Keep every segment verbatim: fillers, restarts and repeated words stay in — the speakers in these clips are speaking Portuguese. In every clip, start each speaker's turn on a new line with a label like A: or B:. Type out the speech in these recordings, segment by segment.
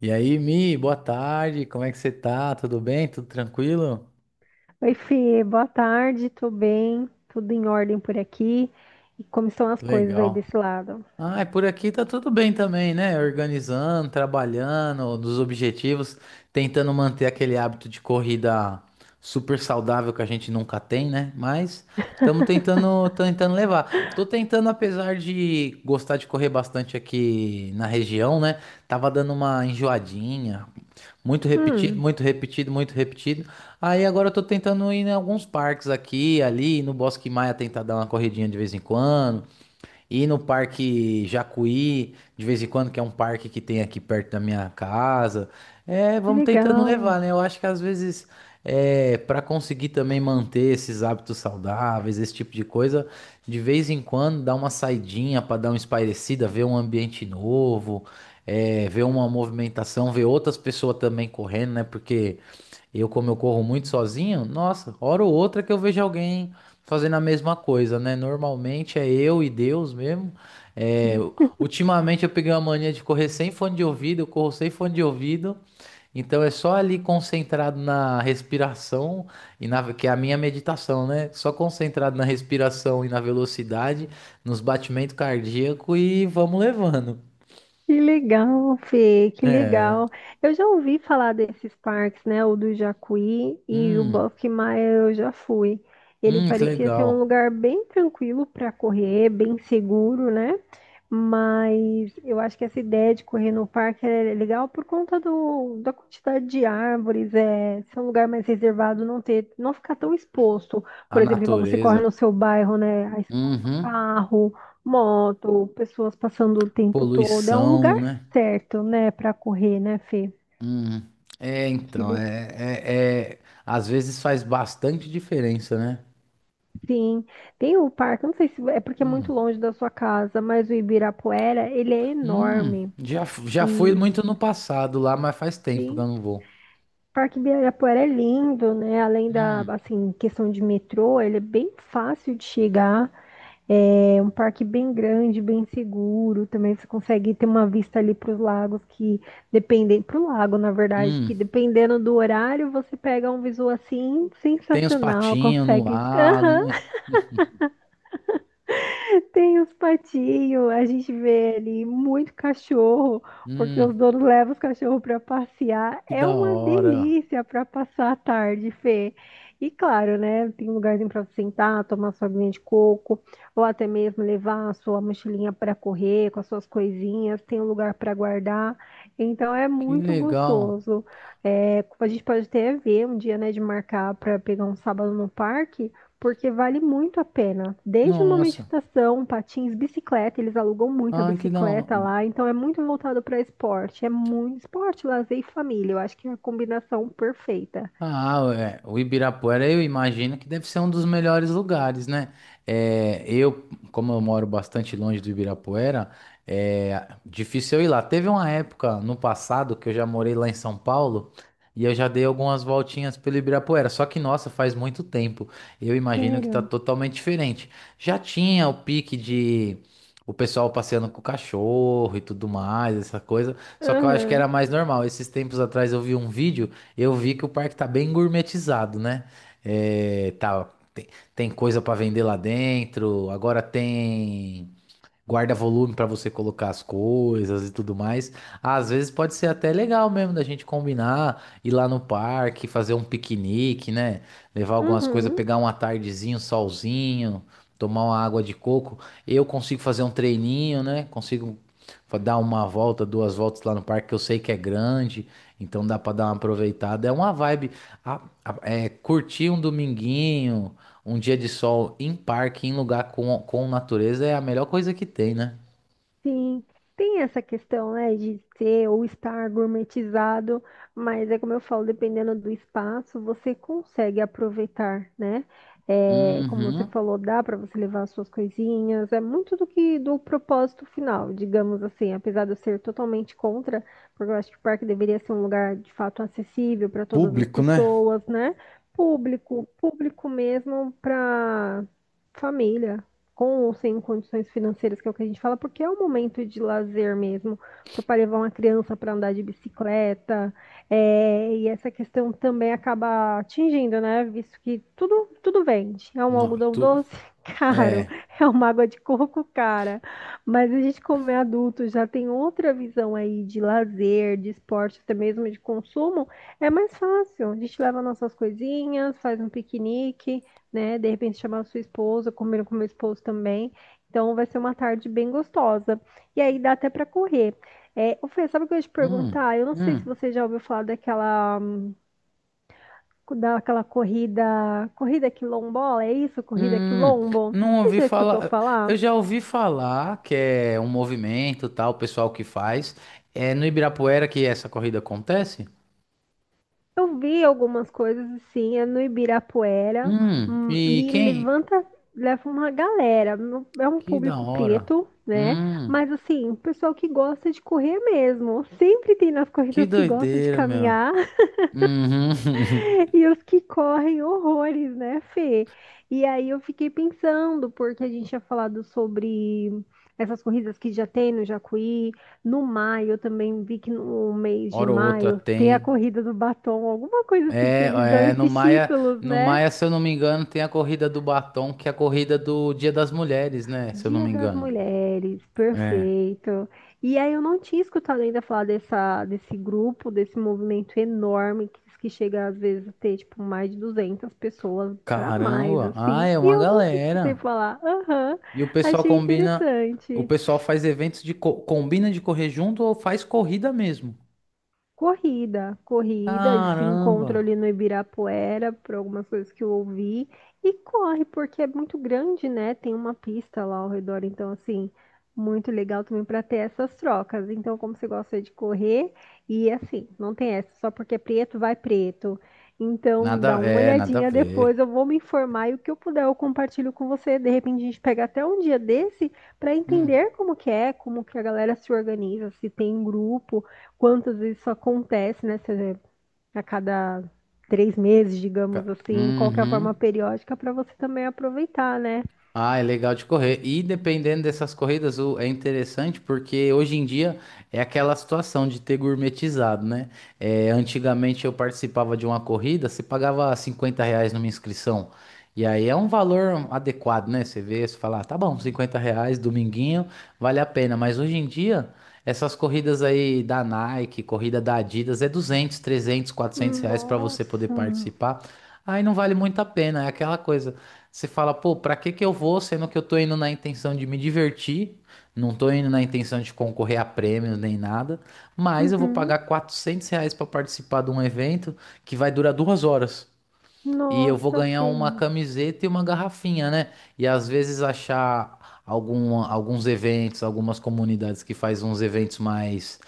A: E aí, Mi, boa tarde, como é que você tá? Tudo bem? Tudo tranquilo?
B: Oi, Fê, boa tarde, tô bem, tudo em ordem por aqui. E como estão as
A: Que
B: coisas aí
A: legal.
B: desse lado?
A: Ah, é, por aqui tá tudo bem também, né? Organizando, trabalhando, dos objetivos, tentando manter aquele hábito de corrida super saudável que a gente nunca tem, né? Mas estamos tentando, tentando levar. Tô tentando, apesar de gostar de correr bastante aqui na região, né? Tava dando uma enjoadinha, muito repetido,
B: Hum,
A: muito repetido, muito repetido. Aí agora eu tô tentando ir em alguns parques aqui, ali, no Bosque Maia, tentar dar uma corridinha de vez em quando, ir no Parque Jacuí, de vez em quando, que é um parque que tem aqui perto da minha casa. É,
B: que
A: vamos tentando
B: legal,
A: levar, né? Eu acho que às vezes, é, para conseguir também manter esses hábitos saudáveis, esse tipo de coisa, de vez em quando dá uma saidinha para dar uma espairecida, ver um ambiente novo, é, ver uma movimentação, ver outras pessoas também correndo, né? Porque eu, como eu corro muito sozinho, nossa, hora ou outra que eu vejo alguém fazendo a mesma coisa, né? Normalmente é eu e Deus mesmo. É, ultimamente eu peguei uma mania de correr sem fone de ouvido, eu corro sem fone de ouvido. Então é só ali concentrado na respiração e na que é a minha meditação, né? Só concentrado na respiração e na velocidade, nos batimentos cardíacos, e vamos levando.
B: que legal, Fê, que legal. Eu já ouvi falar desses parques, né? O do Jacuí e o
A: Hum,
B: Maia eu já fui. Ele
A: hum, que
B: parecia ser um
A: legal.
B: lugar bem tranquilo para correr, bem seguro, né? Mas eu acho que essa ideia de correr no parque é legal por conta do, da quantidade de árvores, é, ser um lugar mais reservado, não ter, não ficar tão exposto.
A: A
B: Por exemplo, igual você corre no
A: natureza.
B: seu bairro, né? A exposto a
A: Uhum.
B: carro, moto, pessoas passando o tempo todo. É um lugar
A: Poluição, né?
B: certo, né, para correr, né, Fê?
A: Hum, é,
B: Que
A: então,
B: le-
A: é, é, é- às vezes faz bastante diferença, né?
B: Sim, tem o parque, não sei se é porque é muito
A: Hum,
B: longe da sua casa, mas o Ibirapuera, ele é
A: hum,
B: enorme.
A: já, f- já fui
B: E
A: muito no passado lá, mas faz tempo que eu
B: sim.
A: não vou.
B: Parque Ibirapuera é lindo, né? Além da,
A: Hum,
B: assim, questão de metrô, ele é bem fácil de chegar. É um parque bem grande, bem seguro. Também você consegue ter uma vista ali para os lagos que dependem, para o lago, na verdade, que
A: hum,
B: dependendo do horário, você pega um visual assim
A: tem os
B: sensacional,
A: patinhos no
B: consegue.
A: lago, né?
B: Tem os patinhos, a gente vê ali muito cachorro, porque os
A: Hum,
B: donos levam os cachorros para passear.
A: que
B: É
A: da
B: uma
A: hora,
B: delícia para passar a tarde, Fê. E claro, né? Tem um lugarzinho para sentar, tomar sua aguinha de coco, ou até mesmo levar a sua mochilinha para correr com as suas coisinhas. Tem um lugar para guardar. Então é
A: que
B: muito
A: legal.
B: gostoso. É, a gente pode até ver um dia, né, de marcar para pegar um sábado no parque porque vale muito a pena. Desde uma
A: Nossa,
B: meditação, patins, bicicleta, eles alugam muito a
A: ah, que da hora.
B: bicicleta lá, então é muito voltado para esporte. É muito esporte, lazer e família. Eu acho que é a combinação perfeita.
A: Ah, é, o Ibirapuera eu imagino que deve ser um dos melhores lugares, né? É, eu, como eu moro bastante longe do Ibirapuera, é difícil eu ir lá. Teve uma época no passado que eu já morei lá em São Paulo e eu já dei algumas voltinhas pelo Ibirapuera. Só que, nossa, faz muito tempo. Eu imagino que tá
B: Sério?
A: totalmente diferente. Já tinha o pique de o pessoal passeando com o cachorro e tudo mais, essa coisa. Só que eu acho que
B: Aham.
A: era mais normal. Esses tempos atrás eu vi um vídeo, eu vi que o parque tá bem gourmetizado, né? É, tá, tem, Tem coisa para vender lá dentro, agora tem guarda volume para você colocar as coisas e tudo mais. Às vezes pode ser até legal mesmo da gente combinar, ir lá no parque, fazer um piquenique, né? Levar algumas coisas,
B: Uhum.
A: pegar uma tardezinho, solzinho, tomar uma água de coco. Eu consigo fazer um treininho, né? Consigo fa- dar uma volta, duas voltas lá no parque, que eu sei que é grande, então dá para dar uma aproveitada. É uma vibe, a- a- é curtir um dominguinho. Um dia de sol em parque, em lugar com, com natureza, é a melhor coisa que tem, né?
B: Sim, tem essa questão, né, de ser ou estar gourmetizado, mas é como eu falo, dependendo do espaço, você consegue aproveitar, né? É, como você
A: Uhum.
B: falou, dá para você levar as suas coisinhas, é muito do que do propósito final, digamos assim, apesar de eu ser totalmente contra, porque eu acho que o parque deveria ser um lugar de fato acessível para todas as
A: Público, né?
B: pessoas, né? Público, público mesmo para família com ou sem condições financeiras, que é o que a gente fala, porque é um momento de lazer mesmo, para o pai levar uma criança para andar de bicicleta, é, e essa questão também acaba atingindo, né? Visto que tudo, tudo vende. É um
A: Não,
B: algodão
A: tu...
B: doce caro,
A: É.
B: é uma água de coco cara, mas a gente, como é adulto, já tem outra visão aí de lazer, de esporte, até mesmo de consumo, é mais fácil. A gente leva nossas coisinhas, faz um piquenique, né? De repente chamar sua esposa, combina com meu esposo também. Então vai ser uma tarde bem gostosa. E aí dá até para correr. É, ô Fê, sabe o que eu ia te
A: Hum,
B: perguntar? Eu não sei se
A: hum,
B: você já ouviu falar daquela, daquela, corrida, corrida quilombola, é isso? Corrida
A: hum.
B: quilombo?
A: Não
B: Você
A: ouvi
B: já escutou
A: falar.
B: falar?
A: Eu já ouvi falar que é um movimento, tal, o pessoal que faz. É no Ibirapuera que essa corrida acontece?
B: Eu vi algumas coisas assim, é no Ibirapuera,
A: Hum,
B: hum,
A: e
B: e
A: quem?
B: levanta, leva uma galera. Não- É um
A: Que da
B: público
A: hora.
B: preto, né?
A: Hum,
B: Mas assim, o pessoal que gosta de correr mesmo. Sempre tem nas
A: que
B: corridas que gosta de
A: doideira, meu.
B: caminhar.
A: Uhum.
B: E os que correm horrores, né, Fê? E aí eu fiquei pensando, porque a gente tinha falado sobre essas corridas que já tem no Jacuí, no maio, eu também vi que no mês de
A: Hora ou outra
B: maio tem a
A: tem.
B: corrida do batom, alguma coisa assim, que
A: É,
B: eles dão
A: é, no
B: esses
A: Maia,
B: títulos,
A: no
B: né?
A: Maia, se eu não me engano, tem a corrida do batom, que é a corrida do Dia das Mulheres, né? Se eu não
B: Dia
A: me
B: das
A: engano.
B: Mulheres,
A: É.
B: perfeito. E aí eu não tinha escutado ainda falar dessa, desse grupo, desse movimento enorme que, diz que chega às vezes a ter tipo mais de duzentas pessoas para mais
A: Caramba! Ah,
B: assim.
A: é
B: E
A: uma
B: eu nunca escutei
A: galera.
B: falar. Aham,
A: E o pessoal
B: achei
A: combina, o
B: interessante.
A: pessoal faz eventos de co- combina de correr junto ou faz corrida mesmo?
B: Corrida, corrida, eles se
A: Caramba!
B: encontram ali no Ibirapuera, por algumas coisas que eu ouvi, e corre, porque é muito grande, né? Tem uma pista lá ao redor, então, assim, muito legal também para ter essas trocas. Então, como você gosta de correr, e assim, não tem essa, só porque é preto, vai preto. Então, dá
A: Nada,
B: uma
A: é, nada a
B: olhadinha
A: ver.
B: depois, eu vou me informar e o que eu puder eu compartilho com você. De repente, a gente pega até um dia desse para
A: Hum,
B: entender como que é, como que a galera se organiza, se tem um grupo, quantas vezes isso acontece, né? Você- A cada três meses, digamos
A: ca-
B: assim, qual que é a forma
A: Uhum.
B: periódica para você também aproveitar, né?
A: Ah, é legal de correr. E dependendo dessas corridas, o- é interessante porque hoje em dia é aquela situação de ter gourmetizado, né? É, antigamente eu participava de uma corrida, você pagava cinquenta reais numa inscrição. E aí é um valor adequado, né? Você vê, você fala, "Ah, tá bom, cinquenta reais, dominguinho, vale a pena." Mas hoje em dia, essas corridas aí da Nike, corrida da Adidas, é duzentos, trezentos, quatrocentos reais para você poder
B: Nossa.
A: participar. Aí não vale muito a pena, é aquela coisa. Você fala, pô, pra que que eu vou, sendo que eu tô indo na intenção de me divertir, não tô indo na intenção de concorrer a prêmios nem nada, mas eu vou
B: Uhum.
A: pagar quatrocentos reais pra participar de um evento que vai durar duas horas. E eu vou
B: Nossa,
A: ganhar
B: Fê.
A: uma camiseta e uma garrafinha, né? E às vezes achar algum, alguns eventos, algumas comunidades que faz uns eventos mais,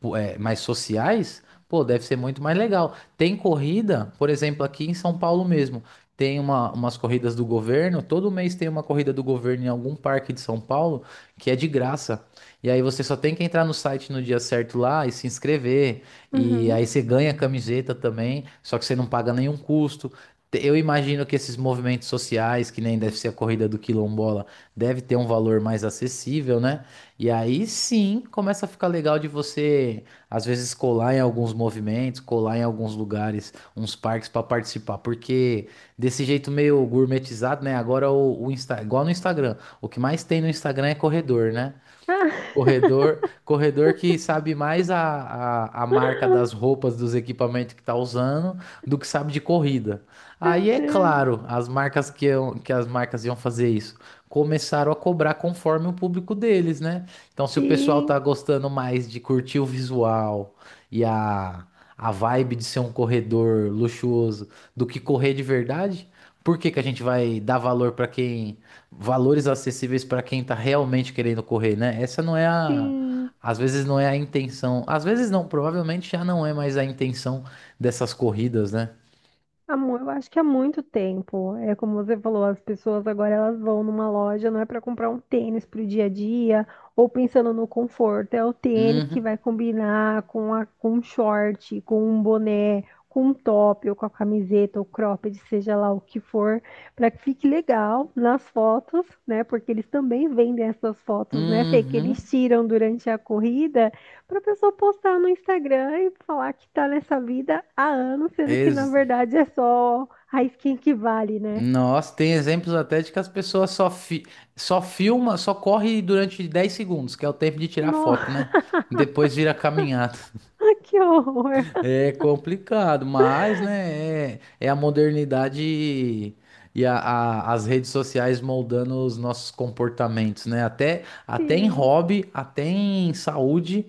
A: pô, é, mais sociais, pô, deve ser muito mais legal. Tem corrida, por exemplo, aqui em São Paulo mesmo, tem uma, umas corridas do governo, todo mês tem uma corrida do governo em algum parque de São Paulo que é de graça. E aí você só tem que entrar no site no dia certo lá e se inscrever. E
B: Uhum.
A: aí você ganha a camiseta também, só que você não paga nenhum custo. Eu imagino que esses movimentos sociais, que nem deve ser a corrida do quilombola, deve ter um valor mais acessível, né? E aí sim começa a ficar legal de você, às vezes, colar em alguns movimentos, colar em alguns lugares, uns parques para participar, porque desse jeito meio gourmetizado, né? Agora o, o Insta, igual no Instagram, o que mais tem no Instagram é corredor, né?
B: Ah,
A: Corredor, corredor que sabe mais a, a, a marca das roupas, dos equipamentos que tá usando, do que sabe de corrida.
B: meu
A: Aí é
B: Deus.
A: claro, as marcas que, iam- que as marcas iam fazer isso, começaram a cobrar conforme o público deles, né? Então, se o pessoal
B: Sim,
A: tá gostando mais de curtir o visual e a, a vibe de ser um corredor luxuoso do que correr de verdade, por que que a gente vai dar valor para quem, valores acessíveis para quem está realmente querendo correr, né? Essa não é a.
B: sim.
A: Às vezes não é a intenção. Às vezes não, provavelmente já não é mais a intenção dessas corridas, né?
B: Há mu- Eu acho que há muito tempo. É como você falou, as pessoas agora elas vão numa loja, não é para comprar um tênis para o dia a dia, ou pensando no conforto, é o tênis que
A: Uhum.
B: vai combinar com a, com um short, com um boné, com um top, ou com a camiseta, ou cropped, seja lá o que for, para que fique legal nas fotos, né? Porque eles também vendem essas fotos, né, Fê, que eles
A: Uhum.
B: tiram durante a corrida. Pra pessoa postar no Instagram e falar que tá nessa vida há anos, sendo que na
A: Ex-
B: verdade é só a skin que vale, né?
A: Nossa, tem exemplos até de que as pessoas só, fi... só filma, só corre durante dez segundos, que é o tempo de tirar foto,
B: Nossa,
A: né? Depois vira caminhada.
B: que horror.
A: É complicado, mas, né, é, é a modernidade e, e a- a- as redes sociais moldando os nossos comportamentos, né? Até, até em
B: Sim,
A: hobby, até em saúde,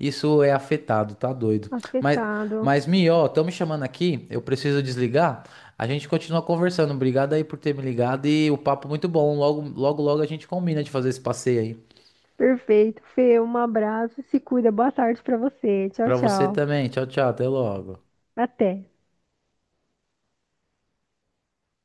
A: isso é afetado, tá doido. Mas,
B: afetado.
A: mas Mi, ó, estão me chamando aqui, eu preciso desligar. A gente continua conversando. Obrigado aí por ter me ligado, e o papo muito bom. Logo, logo, logo a gente combina de fazer esse passeio aí.
B: Perfeito. Fê, um abraço, se cuida. Boa tarde pra você. Tchau,
A: Pra você
B: tchau.
A: também. Tchau, tchau. Até logo.
B: Até.